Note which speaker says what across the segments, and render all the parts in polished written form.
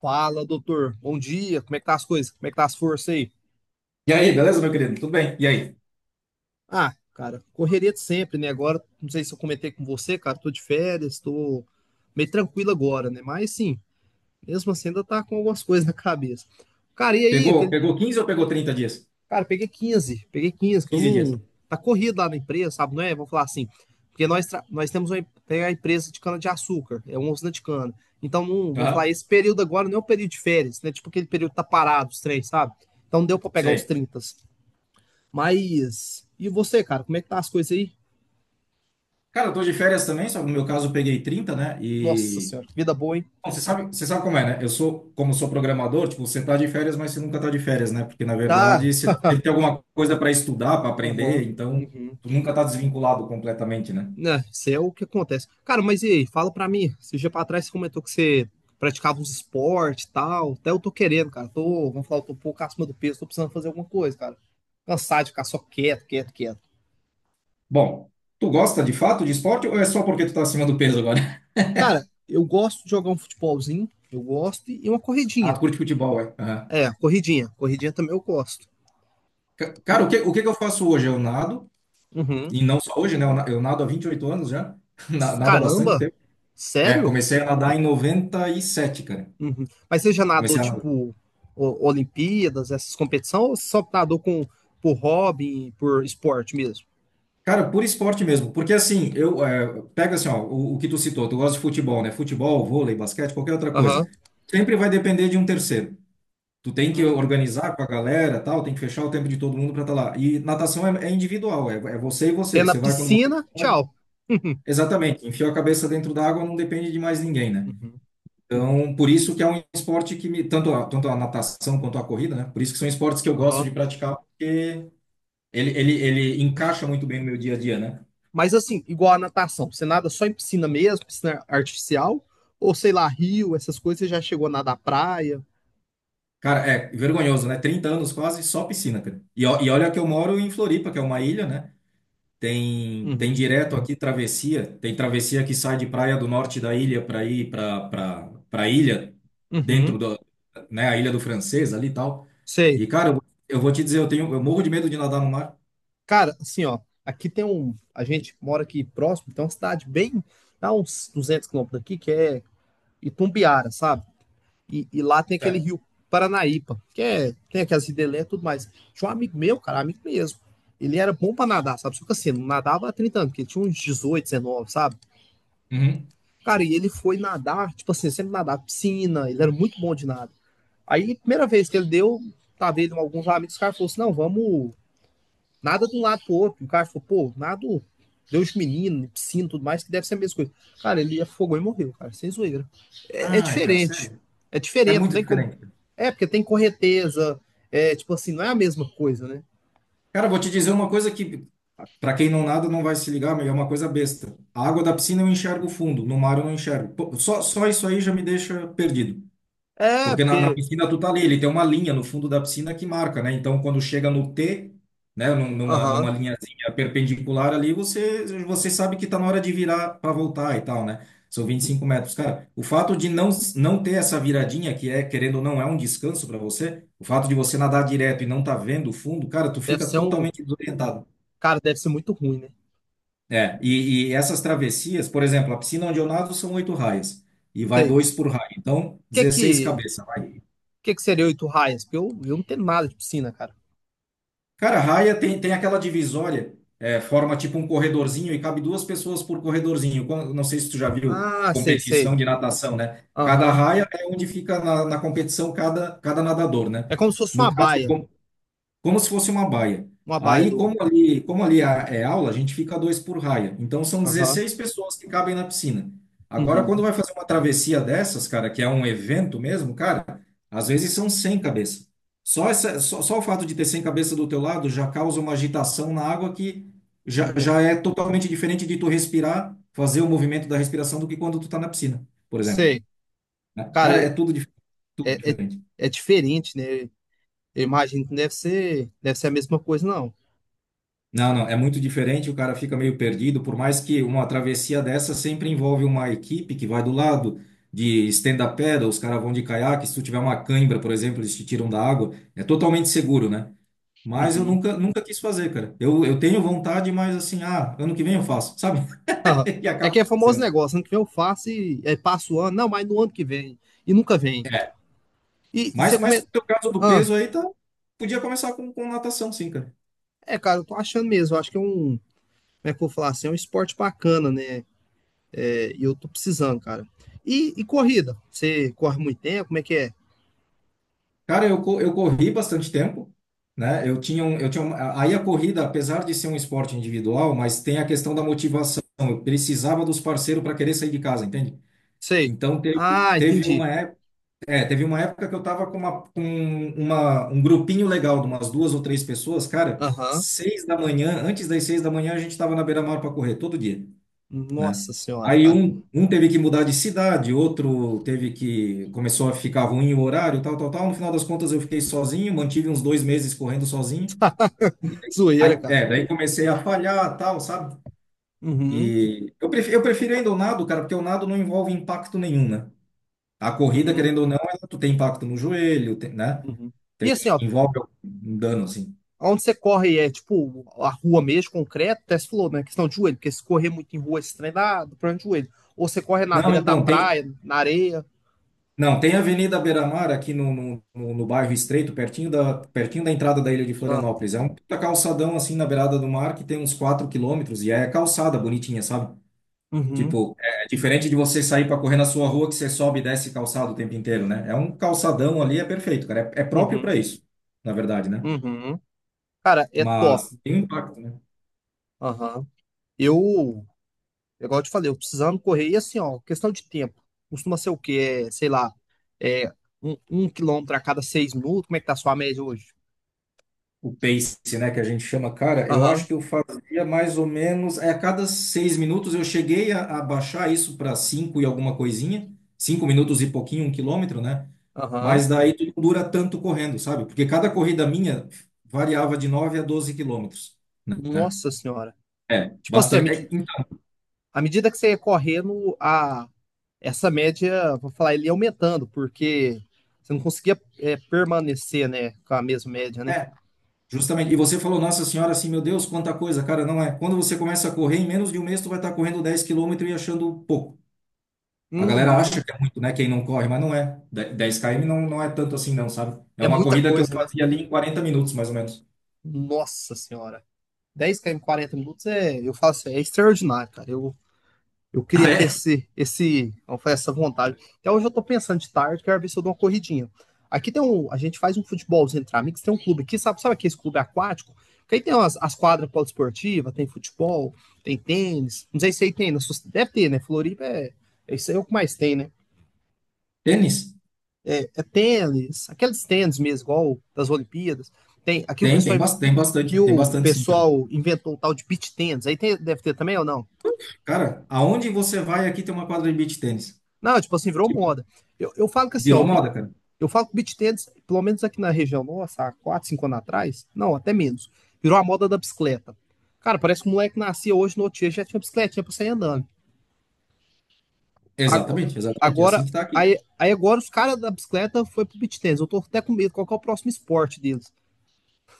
Speaker 1: Fala, doutor. Bom dia. Como é que tá as coisas? Como é que tá as forças aí?
Speaker 2: E aí, beleza, meu querido? Tudo bem? E aí?
Speaker 1: Ah, cara, correria de sempre, né? Agora, não sei se eu comentei com você, cara, tô de férias, tô meio tranquilo agora, né? Mas sim, mesmo assim ainda tá com algumas coisas na cabeça. Cara, e aí,
Speaker 2: Pegou,
Speaker 1: aquele,
Speaker 2: pegou 15 ou pegou 30 dias?
Speaker 1: cara, peguei 15, peguei 15. Que eu
Speaker 2: 15 dias.
Speaker 1: não tá corrido lá na empresa, sabe? Não é? Vou falar assim, porque nós temos tem a empresa de cana-de-açúcar, é uma usina de cana. Então, não, vamos falar,
Speaker 2: Aham,
Speaker 1: esse período agora não é o período de férias, né? Tipo aquele período que tá parado os três, sabe? Então, não deu pra pegar os
Speaker 2: sei.
Speaker 1: 30. Mas. E você, cara, como é que tá as coisas aí?
Speaker 2: Cara, eu tô de férias também, só que no meu caso eu peguei 30, né?
Speaker 1: Nossa senhora, que vida boa, hein?
Speaker 2: Bom, você sabe como é, né? Como sou programador, tipo, você tá de férias, mas você nunca tá de férias, né? Porque, na
Speaker 1: Tá.
Speaker 2: verdade, você sempre tem alguma coisa para estudar, para
Speaker 1: Aham.
Speaker 2: aprender, então
Speaker 1: Uhum.
Speaker 2: tu nunca tá desvinculado completamente, né?
Speaker 1: Né, isso é o que acontece. Cara, mas e aí, fala pra mim. Esse dia pra trás você comentou que você praticava uns esportes e tal. Até eu tô querendo, cara. Tô, vamos falar, eu tô um pouco acima do peso, tô precisando fazer alguma coisa, cara. Cansado de ficar só quieto, quieto, quieto.
Speaker 2: Bom, tu gosta de fato de esporte ou é só porque tu tá acima do peso agora?
Speaker 1: Cara, eu gosto de jogar um futebolzinho, eu gosto, e uma
Speaker 2: Ah,
Speaker 1: corridinha.
Speaker 2: tu curte futebol, é? Aham.
Speaker 1: É, corridinha. Corridinha também eu gosto.
Speaker 2: Ca-
Speaker 1: E-
Speaker 2: Cara, o que que eu faço hoje? Eu nado.
Speaker 1: uhum.
Speaker 2: E não só hoje, né? Eu nado há 28 anos já, nado há bastante
Speaker 1: Caramba,
Speaker 2: tempo. É,
Speaker 1: sério?
Speaker 2: comecei a nadar em 97, cara.
Speaker 1: Uhum. Mas seja nadou,
Speaker 2: Comecei a nadar.
Speaker 1: tipo, Olimpíadas, essas competições, ou só nadou com, por hobby, por esporte mesmo?
Speaker 2: Cara, por esporte mesmo, porque assim, pega assim, ó, o que tu citou, tu gosta de futebol, né? Futebol, vôlei, basquete, qualquer outra coisa.
Speaker 1: Aham.
Speaker 2: Sempre vai depender de um terceiro. Tu tem que
Speaker 1: Hum.
Speaker 2: organizar com a galera, tal, tem que fechar o tempo de todo mundo para estar lá. E natação é individual, é você e você,
Speaker 1: É na
Speaker 2: você vai quando você
Speaker 1: piscina,
Speaker 2: pode.
Speaker 1: tchau.
Speaker 2: Exatamente, enfiou a cabeça dentro da água, não depende de mais ninguém, né?
Speaker 1: Uhum. Uhum. Uhum.
Speaker 2: Então, por isso que é um esporte tanto a, natação quanto a corrida, né? Por isso que são esportes que eu gosto de
Speaker 1: Aham.
Speaker 2: praticar, porque ele encaixa muito bem no meu dia a dia, né?
Speaker 1: Mas assim, igual a natação, você nada só em piscina mesmo, piscina artificial, ou sei lá, rio, essas coisas, você já chegou a nadar praia?
Speaker 2: Cara, é vergonhoso, né? 30 anos quase, só piscina, cara. E olha que eu moro em Floripa, que é uma ilha, né? Tem
Speaker 1: Uhum.
Speaker 2: direto aqui travessia, tem travessia que sai de praia do norte da ilha para ir para ilha dentro
Speaker 1: Uhum.
Speaker 2: da, né, a ilha do Francês ali e tal.
Speaker 1: Sei.
Speaker 2: E cara, eu vou te dizer, eu morro de medo de nadar no mar.
Speaker 1: Cara, assim, ó, aqui tem um. A gente mora aqui próximo, tem uma cidade bem. Dá uns 200 km daqui, que é Itumbiara, sabe? E lá tem aquele
Speaker 2: Sério.
Speaker 1: rio Paranaípa, que é, tem aquelas ridelé tudo mais. Tinha um amigo meu, cara, amigo mesmo. Ele era bom pra nadar, sabe? Só que assim, não nadava há 30 anos, porque ele tinha uns 18 19, sabe? Cara, e ele foi nadar, tipo assim, sempre nadar piscina, ele era muito bom de nada. Aí, primeira vez que ele deu, tava ele com alguns amigos, o cara falou assim, não, vamos, nada de um lado pro outro. O cara falou, pô, nada, Deus menino, piscina, tudo mais, que deve ser a mesma coisa. Cara, ele afogou e morreu, cara, sem zoeira é
Speaker 2: Ai, cara,
Speaker 1: diferente.
Speaker 2: sério?
Speaker 1: É
Speaker 2: É
Speaker 1: diferente, não
Speaker 2: muito
Speaker 1: tem como.
Speaker 2: diferente.
Speaker 1: É, porque tem correnteza. É, tipo assim, não é a mesma coisa, né?
Speaker 2: Cara, vou te dizer uma coisa que, para quem não nada, não vai se ligar, mas é uma coisa besta. A água da
Speaker 1: Hum.
Speaker 2: piscina eu enxergo fundo, no mar eu não enxergo. Pô, só isso aí já me deixa perdido.
Speaker 1: É,
Speaker 2: Porque na
Speaker 1: porque.
Speaker 2: piscina tu tá ali, ele tem uma linha no fundo da piscina que marca, né? Então quando chega no T, né, num- numa,
Speaker 1: Aham.
Speaker 2: numa linhazinha perpendicular ali, você sabe que tá na hora de virar para voltar e tal, né? São 25 metros. Cara, o fato de não ter essa viradinha, que é, querendo ou não, é um descanso para você, o fato de você nadar direto e não tá vendo o fundo, cara, tu
Speaker 1: Deve
Speaker 2: fica
Speaker 1: ser um.
Speaker 2: totalmente desorientado.
Speaker 1: Cara, deve ser muito ruim, né?
Speaker 2: É, e essas travessias, por exemplo, a piscina onde eu nado são oito raias, e vai
Speaker 1: Sei.
Speaker 2: dois por raia, então 16
Speaker 1: O
Speaker 2: cabeças, vai.
Speaker 1: que que seria oito raias? Porque eu não tenho nada de piscina, cara.
Speaker 2: Cara, a raia tem aquela divisória, forma tipo um corredorzinho e cabe duas pessoas por corredorzinho. Não sei se tu já viu
Speaker 1: Ah, sei, sei.
Speaker 2: competição de natação, né? Cada
Speaker 1: Aham.
Speaker 2: raia é onde fica na competição cada nadador, né?
Speaker 1: É como se fosse
Speaker 2: No
Speaker 1: uma
Speaker 2: caso,
Speaker 1: baia.
Speaker 2: como se fosse uma baia.
Speaker 1: Uma baia
Speaker 2: Aí,
Speaker 1: do.
Speaker 2: como ali é aula, a gente fica dois por raia. Então, são
Speaker 1: Aham.
Speaker 2: 16 pessoas que cabem na piscina. Agora, quando
Speaker 1: Uhum.
Speaker 2: vai fazer uma travessia dessas, cara, que é um evento mesmo, cara, às vezes são 100 cabeças. Só o fato de ter 100 cabeças do teu lado já causa uma agitação na água que já,
Speaker 1: Uhum.
Speaker 2: já é totalmente diferente de tu respirar, fazer o movimento da respiração do que quando tu tá na piscina, por exemplo.
Speaker 1: Sei.
Speaker 2: Né?
Speaker 1: Cara,
Speaker 2: Cara, é tudo
Speaker 1: é, é,
Speaker 2: diferente.
Speaker 1: é diferente, né? Eu imagino que não deve ser, deve ser a mesma coisa, não.
Speaker 2: Não, não, é muito diferente, o cara fica meio perdido, por mais que uma travessia dessa sempre envolve uma equipe que vai do lado de stand-up paddle, os caras vão de caiaque, se tu tiver uma cãibra, por exemplo, eles te tiram da água, é totalmente seguro, né? Mas eu
Speaker 1: Uhum.
Speaker 2: nunca, nunca quis fazer, cara. Eu tenho vontade, mas assim, ano que vem eu faço, sabe?
Speaker 1: Aham.
Speaker 2: E
Speaker 1: É
Speaker 2: acaba
Speaker 1: que é
Speaker 2: não
Speaker 1: famoso
Speaker 2: fazendo.
Speaker 1: negócio, ano que vem eu faço e aí passa o ano, não, mas no ano que vem, e nunca vem.
Speaker 2: É.
Speaker 1: E você
Speaker 2: Mas
Speaker 1: come...
Speaker 2: no teu caso do
Speaker 1: Ah,
Speaker 2: peso aí, tá, podia começar com, natação, sim, cara.
Speaker 1: é, cara, eu tô achando mesmo, eu acho que é um, como é que eu vou falar assim, é um esporte bacana, né? É, e eu tô precisando, cara. E corrida, você corre muito tempo, como é que é?
Speaker 2: Cara, eu corri bastante tempo, né? Eu tinha um, eu tinha uma, aí a corrida, apesar de ser um esporte individual, mas tem a questão da motivação. Eu precisava dos parceiros para querer sair de casa, entende?
Speaker 1: Sei.
Speaker 2: Então teve,
Speaker 1: Ah,
Speaker 2: teve
Speaker 1: entendi.
Speaker 2: uma época que eu tava um grupinho legal de umas duas ou três pessoas, cara,
Speaker 1: Aham.
Speaker 2: 6 da manhã, antes das 6 da manhã a gente tava na beira-mar para correr todo dia, né?
Speaker 1: Nossa senhora,
Speaker 2: Aí
Speaker 1: cara.
Speaker 2: um teve que mudar de cidade, outro teve que começou a ficar ruim o horário, tal, tal, tal. No final das contas eu fiquei sozinho, mantive uns 2 meses correndo sozinho. E
Speaker 1: Zoeira,
Speaker 2: aí,
Speaker 1: cara.
Speaker 2: daí comecei a falhar, tal, sabe?
Speaker 1: Uhum,
Speaker 2: E eu prefiro ainda o nado, cara, porque o nado não envolve impacto nenhum, né? A corrida,
Speaker 1: uhum,
Speaker 2: querendo ou não, tu tem impacto no joelho, né?
Speaker 1: uhum. E assim,
Speaker 2: Tem,
Speaker 1: ó,
Speaker 2: envolve um dano, assim.
Speaker 1: onde você corre é tipo a rua mesmo, concreto, até se falou, né? Questão de joelho, porque se correr muito em rua, esse trem dá problema de joelho. Ou você corre na
Speaker 2: Não,
Speaker 1: beira da
Speaker 2: então, tem,
Speaker 1: praia, na areia.
Speaker 2: Não, tem a Avenida Beira-Mar aqui no bairro Estreito, pertinho da entrada da ilha de
Speaker 1: Ah,
Speaker 2: Florianópolis. É um puta calçadão assim na beirada do mar que tem uns 4 quilômetros e é calçada bonitinha, sabe?
Speaker 1: uhum,
Speaker 2: Tipo, é diferente de você sair para correr na sua rua que você sobe e desce calçado o tempo inteiro, né? É um calçadão ali, é perfeito, cara. É próprio
Speaker 1: uhum,
Speaker 2: para isso, na verdade, né?
Speaker 1: uhum. Cara, é top.
Speaker 2: Mas tem um impacto, né?
Speaker 1: Aham. Eu, igual eu te falei, eu precisando correr, e assim, ó, questão de tempo. Costuma ser o quê? É, sei lá, é um quilômetro a cada 6 minutos. Como é que tá a sua média hoje?
Speaker 2: O pace, né, que a gente chama, cara, eu acho
Speaker 1: Aham,
Speaker 2: que eu fazia mais ou menos, a cada 6 minutos eu cheguei a baixar isso para 5 e alguma coisinha, 5 minutos e pouquinho, 1 quilômetro, né?
Speaker 1: aham.
Speaker 2: Mas daí tu não dura tanto correndo, sabe? Porque cada corrida minha variava de 9 a 12 quilômetros, né?
Speaker 1: Nossa senhora.
Speaker 2: É,
Speaker 1: Tipo assim, a
Speaker 2: bastante.
Speaker 1: minha.
Speaker 2: É, então,
Speaker 1: À medida que você ia correndo, a, essa média, vou falar, ele ia aumentando, porque você não conseguia é, permanecer, né, com a mesma média, né?
Speaker 2: é, justamente. E você falou, Nossa Senhora, assim, meu Deus, quanta coisa, cara, não é. Quando você começa a correr, em menos de um mês tu vai estar correndo 10 quilômetros e achando pouco. A galera
Speaker 1: Uhum.
Speaker 2: acha que é muito, né? Quem não corre, mas não é. 10 km não, não é tanto assim, não, sabe? É
Speaker 1: É
Speaker 2: uma
Speaker 1: muita
Speaker 2: corrida que eu
Speaker 1: coisa, né?
Speaker 2: fazia ali em 40 minutos, mais ou menos.
Speaker 1: Nossa senhora. 10 km em 40 minutos é, eu falo assim, é extraordinário, cara. Eu
Speaker 2: Ah,
Speaker 1: queria ter
Speaker 2: é?
Speaker 1: esse, vamos falar, essa vontade. Até hoje eu tô pensando de tarde, quero ver se eu dou uma corridinha. Aqui tem um, a gente faz um futebolzinho entre amigos, tem um clube aqui, sabe, sabe aqui esse clube aquático? Que aí tem umas, as quadras poliesportivas, tem futebol, tem tênis, não sei se aí tem, deve ter, né? Floripa é, é isso aí é o que mais tem, né?
Speaker 2: Tênis?
Speaker 1: É tênis, aqueles tênis mesmo, igual das Olimpíadas. Tem, aqui o
Speaker 2: Tem, tem,
Speaker 1: pessoal
Speaker 2: bas- tem
Speaker 1: que
Speaker 2: bastante, tem
Speaker 1: o
Speaker 2: bastante sim, cara.
Speaker 1: pessoal inventou o tal de beach tênis, aí tem, deve ter também ou não?
Speaker 2: Cara, aonde você vai aqui tem uma quadra de beach tênis.
Speaker 1: Não, tipo assim, virou
Speaker 2: Tipo,
Speaker 1: moda. Eu falo que assim, ó,
Speaker 2: virou
Speaker 1: o
Speaker 2: moda, cara.
Speaker 1: eu falo que o beach tennis, pelo menos aqui na região nossa, há 4, 5 anos atrás, não, até menos, virou a moda da bicicleta. Cara, parece que o moleque nascia hoje no outro dia, já tinha bicicletinha pra sair andando. Ago-
Speaker 2: Exatamente, exatamente. É assim
Speaker 1: Agora,
Speaker 2: que tá aqui.
Speaker 1: aí agora os caras da bicicleta foi pro beach tennis. Eu tô até com medo, qual que é o próximo esporte deles?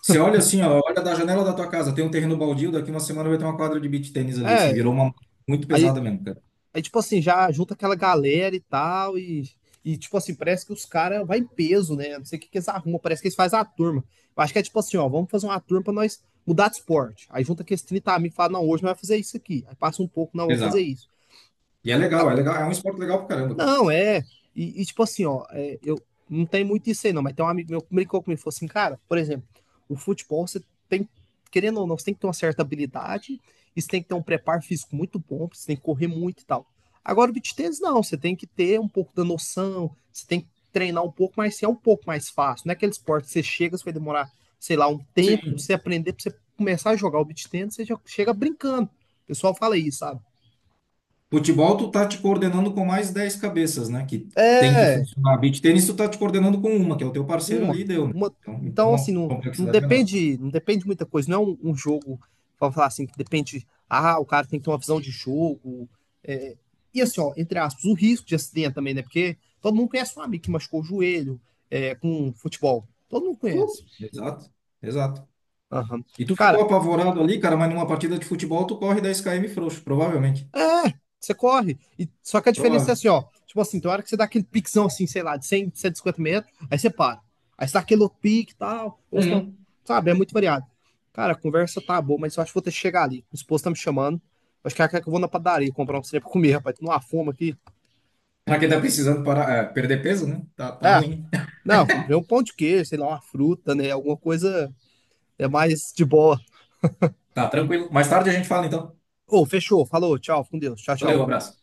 Speaker 2: Você olha assim, ó, olha da janela da tua casa, tem um terreno baldio, daqui uma semana vai ter uma quadra de beach tênis ali, assim, virou
Speaker 1: É,
Speaker 2: uma muito
Speaker 1: aí,
Speaker 2: pesada mesmo, cara.
Speaker 1: Aí tipo assim, já junta aquela galera e tal, e tipo assim, parece que os caras vai em peso, né? Não sei o que, que eles arrumam, parece que eles fazem a turma. Eu acho que é tipo assim, ó, vamos fazer uma turma pra nós mudar de esporte. Aí junta aqueles 30 amigos e fala, não, hoje nós vamos fazer isso aqui. Aí passa um pouco, não, vamos fazer
Speaker 2: Exato.
Speaker 1: isso.
Speaker 2: E é legal, é um esporte legal pra caramba, cara.
Speaker 1: Não, é. E, tipo assim, ó, é, eu não tem muito isso aí, não, mas tem um amigo meu que brincou comigo, falou assim, cara, por exemplo, o futebol você tem, querendo ou não, você tem que ter uma certa habilidade, e você tem que ter um preparo físico muito bom, você tem que correr muito e tal. Agora, o beach tennis, não, você tem que ter um pouco da noção, você tem que treinar um pouco, mas é um pouco mais fácil. Não é aquele esporte que você chega, você vai demorar, sei lá, um tempo pra
Speaker 2: Sim.
Speaker 1: você aprender, pra você começar a jogar o beach tennis, você já chega brincando. O pessoal fala isso, sabe?
Speaker 2: Futebol, tu tá te coordenando com mais 10 cabeças, né? Que tem que
Speaker 1: É,
Speaker 2: funcionar. Beach tênis, tu tá te coordenando com uma, que é o teu parceiro
Speaker 1: uma,
Speaker 2: ali, e deu, né?
Speaker 1: uma.
Speaker 2: Então,
Speaker 1: Então, assim,
Speaker 2: então,
Speaker 1: não, não
Speaker 2: complexidade menor.
Speaker 1: depende, não depende de muita coisa. Não é um jogo, vamos falar assim, que depende. Ah, o cara tem que ter uma visão de jogo. É. E assim, ó, entre aspas, o risco de acidente também, né? Porque todo mundo conhece um amigo que machucou o joelho é, com futebol. Todo mundo
Speaker 2: Putz.
Speaker 1: conhece.
Speaker 2: Exato, exato.
Speaker 1: Aham.
Speaker 2: E tu ficou
Speaker 1: Cara,
Speaker 2: apavorado ali, cara, mas numa partida de futebol tu corre 10 km frouxo, provavelmente.
Speaker 1: é, você corre. E, só que a diferença é
Speaker 2: Provável.
Speaker 1: assim, ó. Tipo assim, tem hora que você dá aquele piquezão assim, sei lá, de 100, 150 metros, aí você para. Aí você dá aquele outro pique e tal, ou se não,
Speaker 2: Uhum.
Speaker 1: sabe, é muito variado. Cara, a conversa tá boa, mas eu acho que vou ter que chegar ali. O esposo tá me chamando. Acho que ela quer que eu vou na padaria comprar um trem pra comer, rapaz. Tô numa fome aqui.
Speaker 2: Pra quem tá precisando parar, perder peso, né? Tá, tá
Speaker 1: É,
Speaker 2: ruim.
Speaker 1: não, eu comprei um pão de queijo, sei lá, uma fruta, né? Alguma coisa é mais de boa.
Speaker 2: Tá tranquilo. Mais tarde a gente fala, então.
Speaker 1: Ô, fechou, falou, tchau, fica com Deus, tchau,
Speaker 2: Valeu,
Speaker 1: tchau.
Speaker 2: abraço.